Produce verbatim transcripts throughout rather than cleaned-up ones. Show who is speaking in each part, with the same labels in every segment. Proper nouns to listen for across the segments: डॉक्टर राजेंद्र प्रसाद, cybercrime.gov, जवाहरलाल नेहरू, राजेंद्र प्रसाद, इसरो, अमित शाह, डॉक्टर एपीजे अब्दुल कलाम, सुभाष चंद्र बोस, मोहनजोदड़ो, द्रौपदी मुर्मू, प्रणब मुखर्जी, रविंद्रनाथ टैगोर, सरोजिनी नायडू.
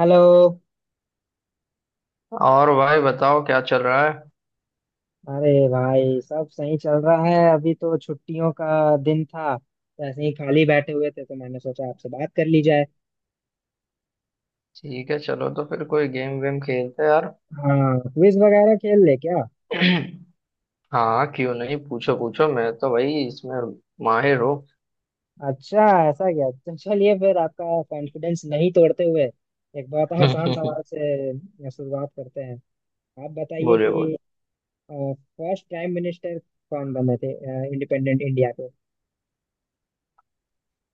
Speaker 1: Hello.
Speaker 2: और भाई बताओ क्या चल रहा है।
Speaker 1: अरे भाई सब सही चल रहा है। अभी तो छुट्टियों का दिन था तो ऐसे ही खाली बैठे हुए थे तो मैंने सोचा आपसे बात कर ली जाए।
Speaker 2: ठीक है, चलो तो फिर कोई गेम वेम खेलते हैं यार।
Speaker 1: हाँ क्विज वगैरह खेल ले क्या।
Speaker 2: हाँ क्यों नहीं, पूछो पूछो मैं तो भाई इसमें माहिर हूँ।
Speaker 1: अच्छा ऐसा क्या? तो चलिए फिर आपका कॉन्फिडेंस नहीं तोड़ते हुए एक बहुत आसान
Speaker 2: बोलिए।
Speaker 1: सवाल से शुरुआत करते हैं। आप बताइए कि
Speaker 2: बोल।
Speaker 1: फर्स्ट प्राइम मिनिस्टर कौन बने थे इंडिपेंडेंट इंडिया के।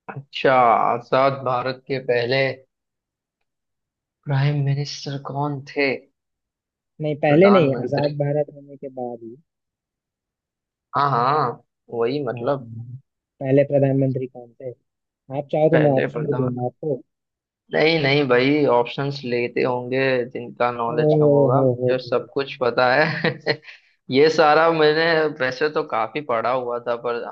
Speaker 2: अच्छा, आजाद भारत के पहले प्राइम मिनिस्टर कौन थे?
Speaker 1: नहीं पहले नहीं,
Speaker 2: प्रधानमंत्री।
Speaker 1: आजाद भारत होने के बाद ही।
Speaker 2: हाँ हाँ, वही
Speaker 1: हाँ,
Speaker 2: मतलब।
Speaker 1: पहले प्रधानमंत्री कौन थे? आप चाहो तो मैं
Speaker 2: पहले
Speaker 1: ऑप्शन भी
Speaker 2: प्रधान।
Speaker 1: दूंगा आपको।
Speaker 2: नहीं नहीं भाई, ऑप्शंस लेते होंगे जिनका
Speaker 1: ओ
Speaker 2: नॉलेज कम होगा,
Speaker 1: हो हो
Speaker 2: मुझे सब
Speaker 1: हो।
Speaker 2: कुछ पता है। ये सारा मैंने वैसे तो काफी पढ़ा हुआ था पर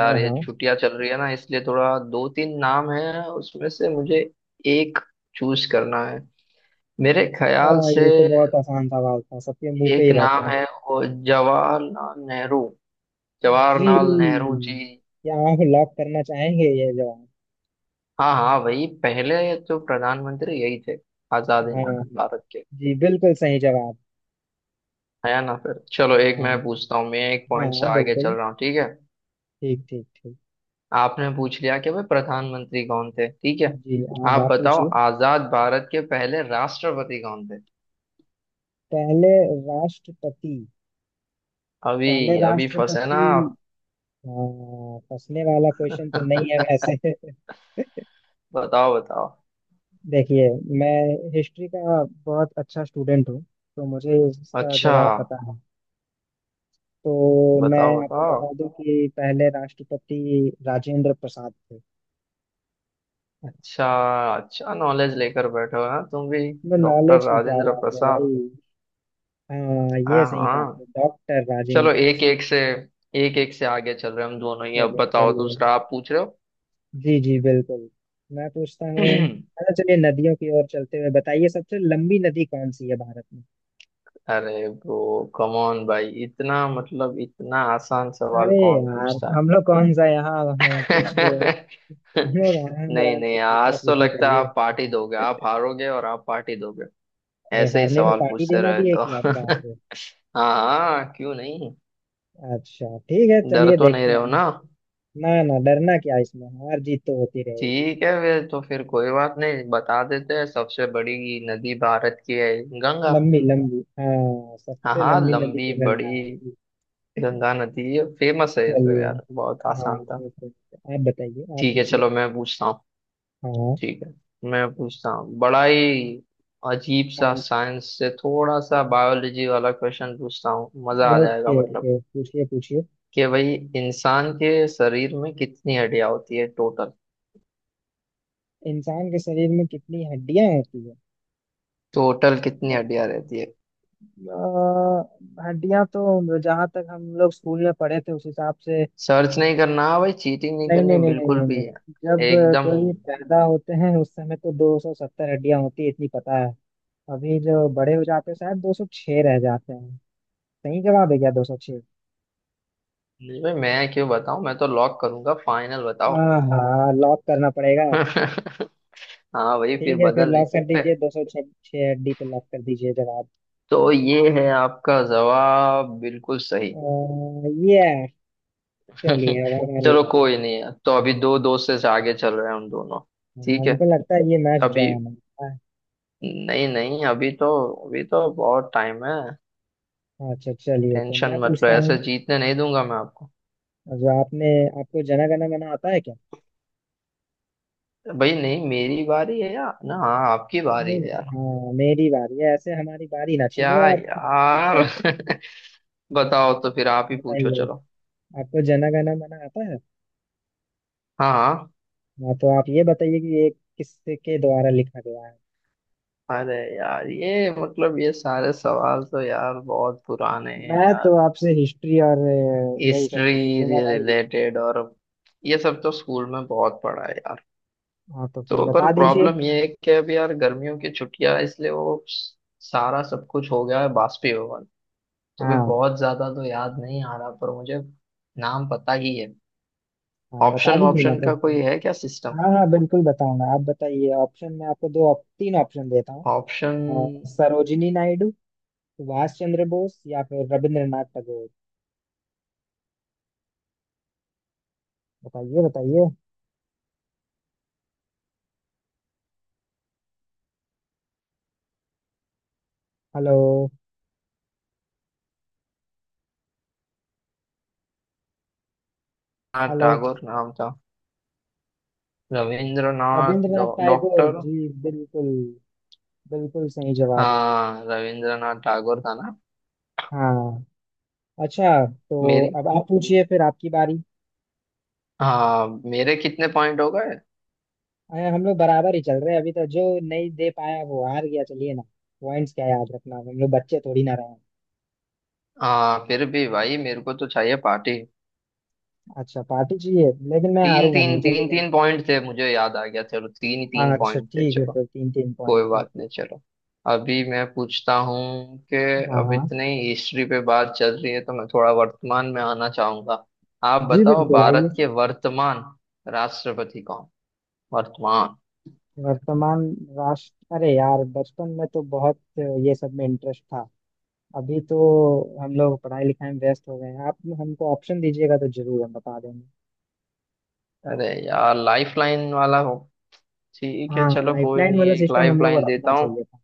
Speaker 1: हाँ
Speaker 2: ये
Speaker 1: हाँ
Speaker 2: छुट्टियां चल रही है ना, इसलिए थोड़ा दो तीन नाम है उसमें से मुझे एक चूज करना है मेरे ख्याल
Speaker 1: हाँ,
Speaker 2: से।
Speaker 1: ये तो बहुत आसान सवाल था, सबके मुंह पे
Speaker 2: एक
Speaker 1: ही रहता
Speaker 2: नाम
Speaker 1: है।
Speaker 2: है वो, जवाहरलाल नेहरू।
Speaker 1: जी,
Speaker 2: जवाहरलाल नेहरू जी।
Speaker 1: क्या आप लॉक करना चाहेंगे ये जवाब?
Speaker 2: हाँ हाँ, वही पहले तो प्रधानमंत्री यही थे आजाद
Speaker 1: हाँ,
Speaker 2: हिंद भारत के।
Speaker 1: जी बिल्कुल सही जवाब।
Speaker 2: है ना? फिर चलो एक मैं
Speaker 1: हाँ
Speaker 2: पूछता हूँ, मैं एक
Speaker 1: हाँ,
Speaker 2: पॉइंट से
Speaker 1: हाँ,
Speaker 2: आगे चल
Speaker 1: बिल्कुल।
Speaker 2: रहा हूँ ठीक है।
Speaker 1: ठीक ठीक ठीक।
Speaker 2: आपने पूछ लिया कि भाई प्रधानमंत्री कौन थे, ठीक है।
Speaker 1: जी अब
Speaker 2: आप
Speaker 1: आप
Speaker 2: बताओ,
Speaker 1: पूछिए।
Speaker 2: आजाद भारत के पहले राष्ट्रपति कौन थे?
Speaker 1: पहले राष्ट्रपति, पहले
Speaker 2: अभी अभी फंसे ना
Speaker 1: राष्ट्रपति,
Speaker 2: आप।
Speaker 1: हाँ फंसने वाला क्वेश्चन तो नहीं है वैसे।
Speaker 2: बताओ बताओ।
Speaker 1: देखिए मैं हिस्ट्री का बहुत अच्छा स्टूडेंट हूँ, तो मुझे इसका
Speaker 2: अच्छा।
Speaker 1: जवाब पता है। तो मैं
Speaker 2: बताओ
Speaker 1: आपको बता
Speaker 2: बताओ।
Speaker 1: दूं कि पहले राष्ट्रपति राजेंद्र प्रसाद थे।
Speaker 2: अच्छा। अच्छा नॉलेज लेकर बैठे हो ना तुम भी।
Speaker 1: मैं,
Speaker 2: डॉक्टर
Speaker 1: नॉलेज की क्या
Speaker 2: राजेंद्र
Speaker 1: बात है भाई।
Speaker 2: प्रसाद।
Speaker 1: हाँ ये
Speaker 2: हाँ
Speaker 1: सही कहा आपने,
Speaker 2: हाँ,
Speaker 1: डॉक्टर
Speaker 2: चलो
Speaker 1: राजेंद्र
Speaker 2: एक
Speaker 1: प्रसाद।
Speaker 2: एक से एक एक से आगे चल रहे हैं हम दोनों ही। अब
Speaker 1: चलिए
Speaker 2: बताओ,
Speaker 1: चलिए।
Speaker 2: दूसरा आप पूछ रहे
Speaker 1: जी जी बिल्कुल। मैं पूछता
Speaker 2: हो।
Speaker 1: हूँ। अच्छा चलिए नदियों की ओर चलते हुए बताइए सबसे लंबी नदी कौन सी है भारत में।
Speaker 2: अरे ब्रो, कम ऑन भाई, इतना मतलब इतना आसान सवाल
Speaker 1: अरे
Speaker 2: कौन
Speaker 1: यार
Speaker 2: पूछता है?
Speaker 1: हम लोग कौन सा यहाँ, हाँ, हाँ, कुछ हम लोग आराम
Speaker 2: नहीं
Speaker 1: आराम से
Speaker 2: नहीं,
Speaker 1: पूछा
Speaker 2: आज तो
Speaker 1: पूछी
Speaker 2: लगता है
Speaker 1: करिए।
Speaker 2: आप पार्टी दोगे, आप हारोगे और आप पार्टी दोगे
Speaker 1: अरे
Speaker 2: ऐसे ही
Speaker 1: हारने में
Speaker 2: सवाल
Speaker 1: पार्टी
Speaker 2: पूछते
Speaker 1: देना
Speaker 2: रहे
Speaker 1: भी है
Speaker 2: तो।
Speaker 1: क्या, बाप रे।
Speaker 2: हाँ हाँ क्यों नहीं।
Speaker 1: अच्छा ठीक है
Speaker 2: डर
Speaker 1: चलिए
Speaker 2: तो नहीं
Speaker 1: देखते
Speaker 2: रहे हो
Speaker 1: हैं।
Speaker 2: ना?
Speaker 1: ना ना, डरना क्या इसमें, हार जीत तो होती रहेगी।
Speaker 2: ठीक है, वे तो फिर कोई बात नहीं, बता देते हैं। सबसे बड़ी नदी भारत की है गंगा।
Speaker 1: लंबी लंबी, हाँ
Speaker 2: हाँ
Speaker 1: सबसे
Speaker 2: हाँ,
Speaker 1: लंबी नदी
Speaker 2: लंबी
Speaker 1: तो गंगा
Speaker 2: बड़ी
Speaker 1: है।
Speaker 2: गंगा नदी फेमस है, ये तो
Speaker 1: चलिए।
Speaker 2: यार बहुत
Speaker 1: हाँ
Speaker 2: आसान था।
Speaker 1: Okay, okay. आप बताइए आप
Speaker 2: ठीक है
Speaker 1: पूछिए।
Speaker 2: चलो मैं पूछता हूँ।
Speaker 1: हाँ
Speaker 2: ठीक है, मैं पूछता हूँ बड़ा ही अजीब सा,
Speaker 1: हाँ।
Speaker 2: साइंस से थोड़ा सा बायोलॉजी वाला क्वेश्चन पूछता हूँ, मजा आ जाएगा
Speaker 1: ओके
Speaker 2: मतलब।
Speaker 1: ओके पूछिए पूछिए।
Speaker 2: कि भाई, इंसान के शरीर में कितनी हड्डियां होती है टोटल?
Speaker 1: इंसान के शरीर में कितनी हड्डियां होती है?
Speaker 2: टोटल कितनी हड्डियां रहती है?
Speaker 1: हड्डियां तो जहां तक हम लोग स्कूल में पढ़े थे उस हिसाब से,
Speaker 2: सर्च नहीं करना भाई, चीटिंग नहीं
Speaker 1: नहीं
Speaker 2: करनी
Speaker 1: नहीं नहीं नहीं
Speaker 2: बिल्कुल
Speaker 1: नहीं
Speaker 2: भी
Speaker 1: नहीं,
Speaker 2: है।
Speaker 1: जब अ,
Speaker 2: एकदम।
Speaker 1: कोई पैदा होते हैं उस समय तो दो सौ सत्तर हड्डियां होती है, इतनी पता है। अभी जो बड़े हो जाते हैं शायद दो सौ छह रह जाते हैं। सही जवाब है क्या, दो सौ छह?
Speaker 2: नहीं भाई, मैं क्यों बताऊं, मैं तो लॉक करूंगा, फाइनल बताओ।
Speaker 1: हाँ हाँ लॉक करना पड़ेगा।
Speaker 2: हाँ भाई, फिर
Speaker 1: ठीक है फिर
Speaker 2: बदल नहीं
Speaker 1: लॉक कर
Speaker 2: सकते।
Speaker 1: दीजिए, दो सौ छह हड्डी पे लॉक कर दीजिए जवाब
Speaker 2: तो ये है आपका जवाब, बिल्कुल सही।
Speaker 1: ये। चलिए अब हमारी
Speaker 2: चलो
Speaker 1: बारी।
Speaker 2: कोई नहीं, है तो अभी दो दोस्त से आगे चल रहे हैं हम दोनों।
Speaker 1: हाँ,
Speaker 2: ठीक है।
Speaker 1: हमको लगता है ये मैच ड्रॉ
Speaker 2: अभी,
Speaker 1: होने वाला
Speaker 2: नहीं नहीं, अभी तो अभी तो बहुत टाइम है।
Speaker 1: है। अच्छा चलिए तो मैं
Speaker 2: टेंशन मत लो,
Speaker 1: पूछता
Speaker 2: ऐसे
Speaker 1: हूँ।
Speaker 2: जीतने नहीं दूंगा मैं आपको।
Speaker 1: जो आपने, आपको जना गण मन आता है क्या?
Speaker 2: भाई नहीं, मेरी बारी है यार ना। हाँ आपकी बारी
Speaker 1: नहीं,
Speaker 2: है यार।
Speaker 1: हाँ मेरी बारी है, ऐसे हमारी बारी ना
Speaker 2: क्या
Speaker 1: छीनो आप।
Speaker 2: यार। बताओ तो फिर आप ही पूछो
Speaker 1: बताइए
Speaker 2: चलो।
Speaker 1: आपको जना गण मना आता है?
Speaker 2: हाँ हाँ।
Speaker 1: हाँ तो आप ये बताइए कि ये किसके द्वारा लिखा गया है?
Speaker 2: अरे यार ये मतलब ये सारे सवाल तो यार बहुत पुराने हैं
Speaker 1: मैं
Speaker 2: यार।
Speaker 1: तो आपसे हिस्ट्री और अ, यही सबसे
Speaker 2: हिस्ट्री
Speaker 1: पूछूंगा भाई।
Speaker 2: रिलेटेड और ये सब तो स्कूल में बहुत पढ़ा है यार।
Speaker 1: हाँ तो फिर
Speaker 2: तो पर
Speaker 1: बता दीजिए।
Speaker 2: प्रॉब्लम ये है कि अब यार गर्मियों की छुट्टियां, इसलिए वो स- सारा सब कुछ हो गया है बाष्पीभवन, तो भी
Speaker 1: हाँ
Speaker 2: बहुत ज्यादा तो याद नहीं आ रहा पर मुझे नाम पता ही है।
Speaker 1: हाँ बता
Speaker 2: ऑप्शन
Speaker 1: दीजिए ना
Speaker 2: ऑप्शन
Speaker 1: तो
Speaker 2: का
Speaker 1: फिर।
Speaker 2: कोई है क्या सिस्टम?
Speaker 1: हाँ हाँ बिल्कुल बताऊंगा, आप बताइए, ऑप्शन में आपको दो ऑप, तीन ऑप्शन देता हूँ।
Speaker 2: ऑप्शन।
Speaker 1: अ, सरोजिनी नायडू, सुभाष चंद्र बोस या फिर रविंद्रनाथ टैगोर। बताइए बताइए। हेलो।
Speaker 2: हाँ,
Speaker 1: हेलो।
Speaker 2: टैगोर नाम था। रविंद्रनाथ
Speaker 1: रविंद्रनाथ
Speaker 2: डॉ-
Speaker 1: टैगोर
Speaker 2: डॉक्टर।
Speaker 1: जी, बिल्कुल बिल्कुल सही जवाब है ये।
Speaker 2: हाँ रविंद्रनाथ टैगोर था ना।
Speaker 1: हाँ। अच्छा तो
Speaker 2: मेरी,
Speaker 1: अब आप पूछिए, फिर आपकी बारी।
Speaker 2: हाँ मेरे कितने पॉइंट हो गए?
Speaker 1: अरे हम लोग बराबर ही चल रहे हैं अभी तो, जो नहीं दे पाया वो हार गया चलिए ना। पॉइंट्स क्या याद रखना, हम लोग बच्चे थोड़ी ना रहे हैं।
Speaker 2: हाँ फिर भी भाई मेरे को तो चाहिए पार्टी।
Speaker 1: अच्छा पार्टी चाहिए, लेकिन मैं
Speaker 2: तीन
Speaker 1: हारूंगा नहीं
Speaker 2: तीन तीन
Speaker 1: चलिए।
Speaker 2: तीन पॉइंट थे, मुझे याद आ गया, चलो तीन ही
Speaker 1: हाँ
Speaker 2: तीन
Speaker 1: अच्छा
Speaker 2: पॉइंट थे
Speaker 1: ठीक है
Speaker 2: चलो।
Speaker 1: फिर, तीन तीन
Speaker 2: कोई
Speaker 1: पॉइंट।
Speaker 2: बात नहीं चलो। अभी मैं पूछता हूँ कि,
Speaker 1: हाँ
Speaker 2: अब
Speaker 1: हाँ
Speaker 2: इतनी हिस्ट्री पे बात चल रही है तो मैं थोड़ा वर्तमान में आना चाहूंगा। आप
Speaker 1: जी
Speaker 2: बताओ,
Speaker 1: बिल्कुल
Speaker 2: भारत
Speaker 1: आइए।
Speaker 2: के वर्तमान राष्ट्रपति कौन? वर्तमान।
Speaker 1: वर्तमान राष्ट्र, अरे यार बचपन में तो बहुत ये सब में इंटरेस्ट था, अभी तो हम लोग पढ़ाई लिखाई में व्यस्त हो गए हैं, आप हमको ऑप्शन दीजिएगा तो जरूर हम बता देंगे।
Speaker 2: अरे यार, लाइफ लाइन वाला हो? ठीक है
Speaker 1: हाँ
Speaker 2: चलो कोई
Speaker 1: लाइफलाइन
Speaker 2: नहीं,
Speaker 1: वाला
Speaker 2: एक
Speaker 1: सिस्टम
Speaker 2: लाइफ
Speaker 1: हम लोग को
Speaker 2: लाइन देता
Speaker 1: रखना
Speaker 2: हूँ।
Speaker 1: चाहिए था,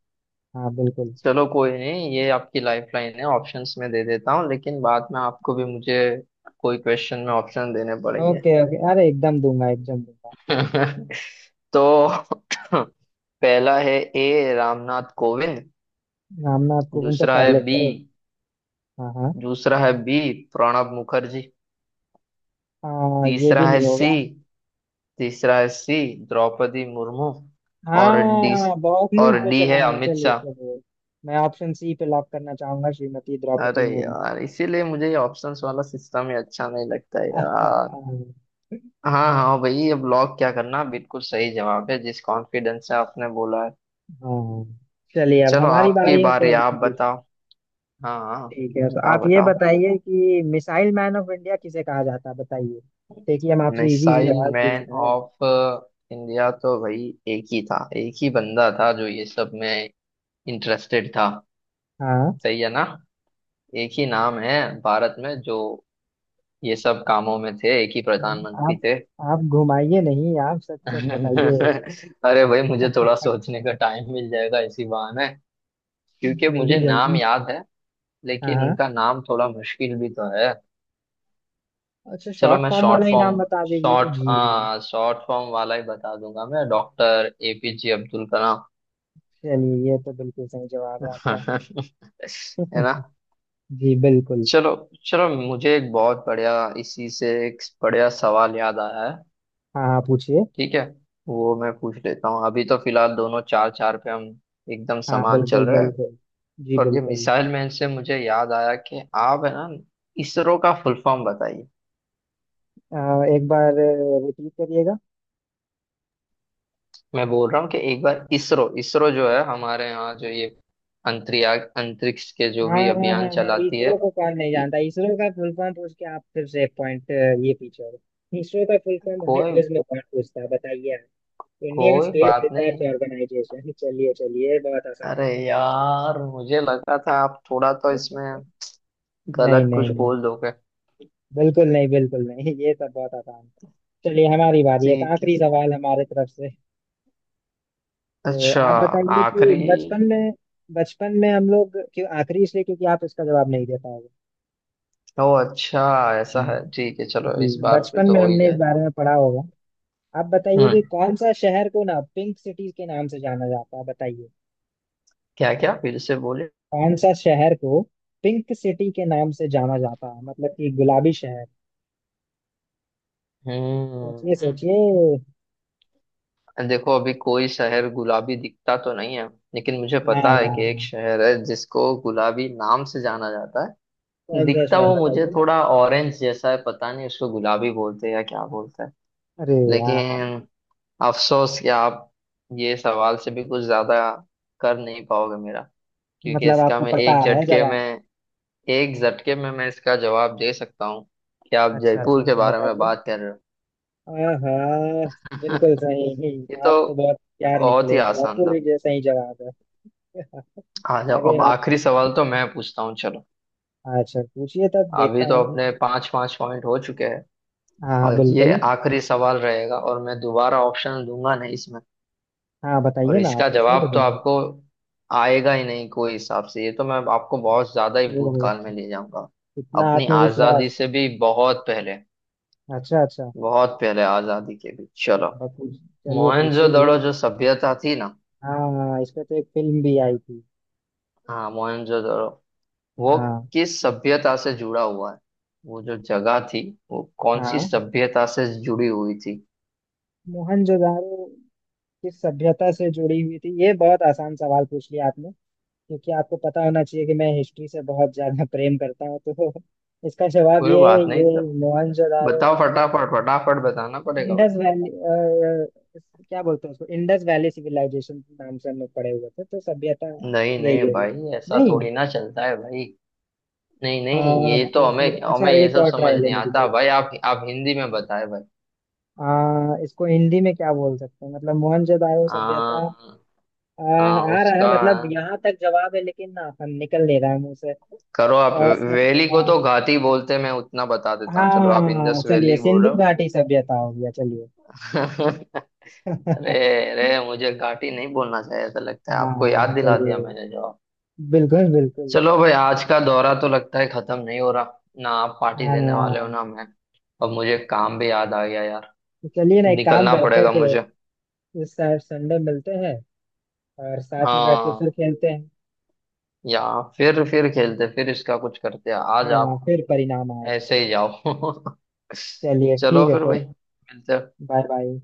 Speaker 1: हाँ बिल्कुल।
Speaker 2: चलो कोई नहीं, ये आपकी लाइफ लाइन है, ऑप्शंस में दे देता हूँ, लेकिन बाद में आपको भी मुझे कोई क्वेश्चन में ऑप्शन देने पड़ेंगे।
Speaker 1: ओके ओके अरे एकदम दूंगा एकदम दूंगा।
Speaker 2: तो पहला है ए, रामनाथ कोविंद।
Speaker 1: हम ना आपको, उन तो
Speaker 2: दूसरा है
Speaker 1: पहले
Speaker 2: बी,
Speaker 1: थे। हाँ हाँ,
Speaker 2: दूसरा है बी प्रणब मुखर्जी।
Speaker 1: हाँ ये
Speaker 2: तीसरा
Speaker 1: भी
Speaker 2: है
Speaker 1: नहीं
Speaker 2: सी,
Speaker 1: होगा।
Speaker 2: तीसरा है सी द्रौपदी मुर्मू। और डी,
Speaker 1: हाँ बहुत न्यूज
Speaker 2: और
Speaker 1: पे
Speaker 2: डी
Speaker 1: चला
Speaker 2: है
Speaker 1: है,
Speaker 2: अमित
Speaker 1: चलिए
Speaker 2: शाह।
Speaker 1: चलिए। मैं ऑप्शन सी पे लॉक करना चाहूंगा, श्रीमती
Speaker 2: अरे
Speaker 1: द्रौपदी मुर्मू।
Speaker 2: यार, इसीलिए मुझे ये ऑप्शंस वाला सिस्टम ही अच्छा नहीं लगता है यार। हाँ हाँ भाई, अब लॉक क्या करना, बिल्कुल सही जवाब है, जिस कॉन्फिडेंस से आपने बोला है।
Speaker 1: हाँ। चलिए अब
Speaker 2: चलो
Speaker 1: हमारी
Speaker 2: आपकी
Speaker 1: बारी है तो
Speaker 2: बारी, आप
Speaker 1: हम पूछते
Speaker 2: बताओ।
Speaker 1: हैं।
Speaker 2: हाँ हाँ।
Speaker 1: ठीक है तो
Speaker 2: बताओ
Speaker 1: आप ये
Speaker 2: बताओ।
Speaker 1: बताइए कि मिसाइल मैन ऑफ इंडिया किसे कहा जाता है, बताइए। देखिए हम आपसे इजी इजी
Speaker 2: मिसाइल
Speaker 1: सवाल पूछ
Speaker 2: मैन
Speaker 1: रहे हैं।
Speaker 2: ऑफ इंडिया तो भाई एक ही था, एक ही बंदा था जो ये सब में इंटरेस्टेड था।
Speaker 1: हाँ।
Speaker 2: सही है ना? एक ही नाम है भारत में जो ये सब कामों में थे, एक ही प्रधानमंत्री
Speaker 1: आप
Speaker 2: थे।
Speaker 1: आप घुमाइए नहीं, आप सच सच बताइए।
Speaker 2: अरे भाई, मुझे थोड़ा सोचने का टाइम मिल जाएगा इसी बहाने, क्योंकि
Speaker 1: जल्दी
Speaker 2: मुझे नाम
Speaker 1: जल्दी।
Speaker 2: याद है
Speaker 1: हाँ
Speaker 2: लेकिन
Speaker 1: हाँ।
Speaker 2: उनका नाम थोड़ा मुश्किल भी तो है।
Speaker 1: अच्छा
Speaker 2: चलो
Speaker 1: शॉर्ट
Speaker 2: मैं
Speaker 1: फॉर्म
Speaker 2: शॉर्ट
Speaker 1: वाला ही
Speaker 2: फॉर्म,
Speaker 1: नाम बता दीजिए
Speaker 2: शॉर्ट
Speaker 1: जी।
Speaker 2: हाँ शॉर्ट फॉर्म वाला ही बता दूंगा मैं, डॉक्टर एपीजे अब्दुल कलाम।
Speaker 1: चलिए ये तो बिल्कुल सही जवाब है आपका।
Speaker 2: है ना?
Speaker 1: जी बिल्कुल।
Speaker 2: चलो, चलो मुझे एक बहुत बढ़िया, इसी से एक बढ़िया सवाल याद आया है।
Speaker 1: हाँ हाँ पूछिए।
Speaker 2: ठीक है वो मैं पूछ लेता हूँ, अभी तो फिलहाल दोनों चार चार पे हम एकदम
Speaker 1: हाँ
Speaker 2: समान चल
Speaker 1: बिल्कुल
Speaker 2: रहे हैं।
Speaker 1: बिल्कुल, जी
Speaker 2: पर ये
Speaker 1: बिल्कुल।
Speaker 2: मिसाइल मैन से मुझे याद आया कि आप है ना, इसरो का फुल फॉर्म बताइए।
Speaker 1: अ, एक बार रिपीट करिएगा।
Speaker 2: मैं बोल रहा हूँ कि एक बार इसरो, इसरो जो है हमारे यहाँ जो ये अंतरिक्ष अंतरिक्ष के जो
Speaker 1: हाँ
Speaker 2: भी
Speaker 1: हाँ हाँ
Speaker 2: अभियान
Speaker 1: हाँ
Speaker 2: चलाती है।
Speaker 1: इसरो को कौन नहीं
Speaker 2: इ-
Speaker 1: जानता, इसरो का फुल फॉर्म पूछ के आप फिर से पॉइंट ये पीछे हो गए। इसरो का फुल फॉर्म मुझे
Speaker 2: कोई,
Speaker 1: क्विज में कौन पूछता है बताइए आप। इंडियन
Speaker 2: कोई
Speaker 1: स्पेस
Speaker 2: बात
Speaker 1: रिसर्च
Speaker 2: नहीं।
Speaker 1: ऑर्गेनाइजेशन, चलिए चलिए ये बहुत आसान
Speaker 2: अरे
Speaker 1: हो
Speaker 2: यार, मुझे लगा था आप थोड़ा तो इसमें
Speaker 1: गया। नहीं
Speaker 2: गलत
Speaker 1: नहीं
Speaker 2: कुछ
Speaker 1: नहीं
Speaker 2: बोल
Speaker 1: नहीं,
Speaker 2: दोगे।
Speaker 1: बिल्कुल नहीं बिल्कुल नहीं, ये सब बहुत आसान है। चलिए हमारी बारी है, एक
Speaker 2: ठीक है।
Speaker 1: आखिरी सवाल हमारे तरफ से। तो
Speaker 2: अच्छा,
Speaker 1: आप बताइए कि
Speaker 2: आखिरी।
Speaker 1: बचपन में, बचपन में हम लोग, क्यों आखिरी इसलिए क्योंकि आप इसका जवाब नहीं दे पाओगे।
Speaker 2: ओ अच्छा, ऐसा
Speaker 1: हाँ,
Speaker 2: है, ठीक है चलो, इस
Speaker 1: जी
Speaker 2: बार पे
Speaker 1: बचपन
Speaker 2: तो
Speaker 1: में
Speaker 2: हो ही
Speaker 1: हमने इस
Speaker 2: जाए।
Speaker 1: बारे में पढ़ा होगा। आप बताइए कि
Speaker 2: हम्म।
Speaker 1: कौन सा शहर को ना पिंक सिटी के नाम से जाना जाता है, बताइए।
Speaker 2: क्या क्या, फिर से बोले।
Speaker 1: कौन सा शहर को पिंक सिटी के नाम से जाना जाता है, मतलब कि गुलाबी शहर। सोचिए
Speaker 2: हम्म।
Speaker 1: सोचिए।
Speaker 2: देखो, अभी कोई शहर गुलाबी दिखता तो नहीं है, लेकिन मुझे
Speaker 1: ना
Speaker 2: पता है
Speaker 1: ना
Speaker 2: कि एक
Speaker 1: ना,
Speaker 2: शहर है जिसको गुलाबी नाम से जाना जाता है।
Speaker 1: कौन सा
Speaker 2: दिखता
Speaker 1: शहर
Speaker 2: वो मुझे
Speaker 1: बताइए।
Speaker 2: थोड़ा ऑरेंज जैसा है, पता नहीं उसको गुलाबी बोलते हैं या क्या बोलते हैं,
Speaker 1: अरे यार,
Speaker 2: लेकिन अफसोस कि आप ये सवाल से भी कुछ ज्यादा कर नहीं पाओगे मेरा, क्योंकि
Speaker 1: मतलब
Speaker 2: इसका
Speaker 1: आपको
Speaker 2: मैं
Speaker 1: पता
Speaker 2: एक
Speaker 1: है
Speaker 2: झटके
Speaker 1: जवाब?
Speaker 2: में, एक झटके में मैं इसका जवाब दे सकता हूँ कि आप
Speaker 1: अच्छा
Speaker 2: जयपुर
Speaker 1: अच्छा
Speaker 2: के
Speaker 1: तो
Speaker 2: बारे में
Speaker 1: बताइए।
Speaker 2: बात कर रहे हो।
Speaker 1: आहा, बिल्कुल सही।
Speaker 2: ये तो
Speaker 1: आप तो बहुत प्यार
Speaker 2: बहुत ही
Speaker 1: निकले,
Speaker 2: आसान
Speaker 1: जयपुर
Speaker 2: था।
Speaker 1: ही, जैसा ही जवाब है।
Speaker 2: आ जाओ,
Speaker 1: आगे
Speaker 2: अब
Speaker 1: आप।
Speaker 2: आखिरी सवाल तो मैं पूछता हूँ चलो।
Speaker 1: अच्छा पूछिए तब
Speaker 2: अभी
Speaker 1: देखता
Speaker 2: तो
Speaker 1: हूँ।
Speaker 2: अपने पांच पांच पॉइंट हो चुके हैं,
Speaker 1: हाँ हाँ
Speaker 2: और ये
Speaker 1: बिल्कुल।
Speaker 2: आखिरी सवाल रहेगा और मैं दोबारा ऑप्शन दूंगा नहीं इसमें,
Speaker 1: हाँ
Speaker 2: और
Speaker 1: बताइए ना, आप
Speaker 2: इसका
Speaker 1: पूछिए तो।
Speaker 2: जवाब तो आपको आएगा ही नहीं कोई हिसाब से, ये तो मैं आपको बहुत ज्यादा ही
Speaker 1: ओहो,
Speaker 2: भूतकाल में ले जाऊंगा।
Speaker 1: इतना
Speaker 2: अपनी आजादी
Speaker 1: आत्मविश्वास।
Speaker 2: से भी बहुत पहले,
Speaker 1: अच्छा अच्छा।
Speaker 2: बहुत पहले आजादी के भी, चलो।
Speaker 1: बस पूछ- चलिए पूछिए भी।
Speaker 2: मोहनजोदड़ो जो सभ्यता थी ना।
Speaker 1: हाँ हाँ, इस पे तो एक फिल्म भी आई थी।
Speaker 2: हाँ मोहनजोदड़ो वो
Speaker 1: हाँ
Speaker 2: किस सभ्यता से जुड़ा हुआ है? वो जो जगह थी वो कौन सी
Speaker 1: हाँ
Speaker 2: सभ्यता से जुड़ी हुई थी?
Speaker 1: मोहनजोदारो किस सभ्यता से जुड़ी हुई थी, ये बहुत आसान सवाल पूछ लिया आपने, क्योंकि आपको पता होना चाहिए कि मैं हिस्ट्री से बहुत ज्यादा प्रेम करता हूँ, तो इसका जवाब
Speaker 2: कोई
Speaker 1: ये है
Speaker 2: बात नहीं
Speaker 1: ये।
Speaker 2: तो।
Speaker 1: मोहनजोदारो
Speaker 2: बताओ फटाफट, फटाफट बताना पड़ेगा भाई।
Speaker 1: इंडस वैली, क्या बोलते हैं उसको, इंडस वैली सिविलाइजेशन नाम से हम लोग पढ़े हुए थे, तो सभ्यता
Speaker 2: नहीं
Speaker 1: यही
Speaker 2: नहीं
Speaker 1: होगी।
Speaker 2: भाई, ऐसा
Speaker 1: नहीं,
Speaker 2: थोड़ी ना चलता है भाई। नहीं नहीं,
Speaker 1: हाँ
Speaker 2: ये तो
Speaker 1: तो फिर
Speaker 2: हमें
Speaker 1: अच्छा
Speaker 2: हमें ये
Speaker 1: एक
Speaker 2: सब
Speaker 1: और
Speaker 2: समझ
Speaker 1: ट्राई
Speaker 2: नहीं
Speaker 1: लेने
Speaker 2: आता
Speaker 1: दीजिए।
Speaker 2: भाई, आप आप हिंदी में बताए भाई।
Speaker 1: आ, इसको हिंदी में क्या बोल सकते हैं मतलब, मोहनजोदाड़ो सभ्यता।
Speaker 2: हाँ,
Speaker 1: आ,
Speaker 2: हाँ
Speaker 1: आ रहा है
Speaker 2: उसका
Speaker 1: मतलब यहाँ तक जवाब है लेकिन ना, हम निकल नहीं रहा है मुंह से।
Speaker 2: करो आप।
Speaker 1: और
Speaker 2: वैली को तो
Speaker 1: स-
Speaker 2: घाटी बोलते हैं, मैं उतना बता
Speaker 1: आ,
Speaker 2: देता हूँ, चलो आप
Speaker 1: हाँ
Speaker 2: इंदस
Speaker 1: चलिए,
Speaker 2: वैली बोल
Speaker 1: सिंधु
Speaker 2: रहे
Speaker 1: घाटी सभ्यता हो गया चलिए।
Speaker 2: हो। अरे, अरे मुझे घाटी नहीं बोलना चाहिए ऐसा लगता है, आपको याद
Speaker 1: हाँ
Speaker 2: दिला दिया
Speaker 1: चलिए,
Speaker 2: मैंने जवाब।
Speaker 1: बिल्कुल बिल्कुल।
Speaker 2: चलो भाई, आज का दौरा तो लगता है खत्म नहीं हो रहा, ना आप पार्टी
Speaker 1: हाँ
Speaker 2: देने वाले हो ना मैं। अब मुझे काम भी याद आ गया यार,
Speaker 1: तो चलिए ना एक काम
Speaker 2: निकलना
Speaker 1: करते हैं
Speaker 2: पड़ेगा मुझे।
Speaker 1: कि इस साल संडे मिलते हैं और साथ में बैठ के
Speaker 2: हाँ,
Speaker 1: फिर खेलते हैं।
Speaker 2: या फिर फिर खेलते फिर इसका कुछ करते हैं। आज
Speaker 1: हाँ
Speaker 2: आप
Speaker 1: फिर परिणाम आएगा।
Speaker 2: ऐसे ही जाओ।
Speaker 1: चलिए ठीक
Speaker 2: चलो
Speaker 1: है
Speaker 2: फिर
Speaker 1: फिर।
Speaker 2: भाई, मिलते हैं।
Speaker 1: Bye bye.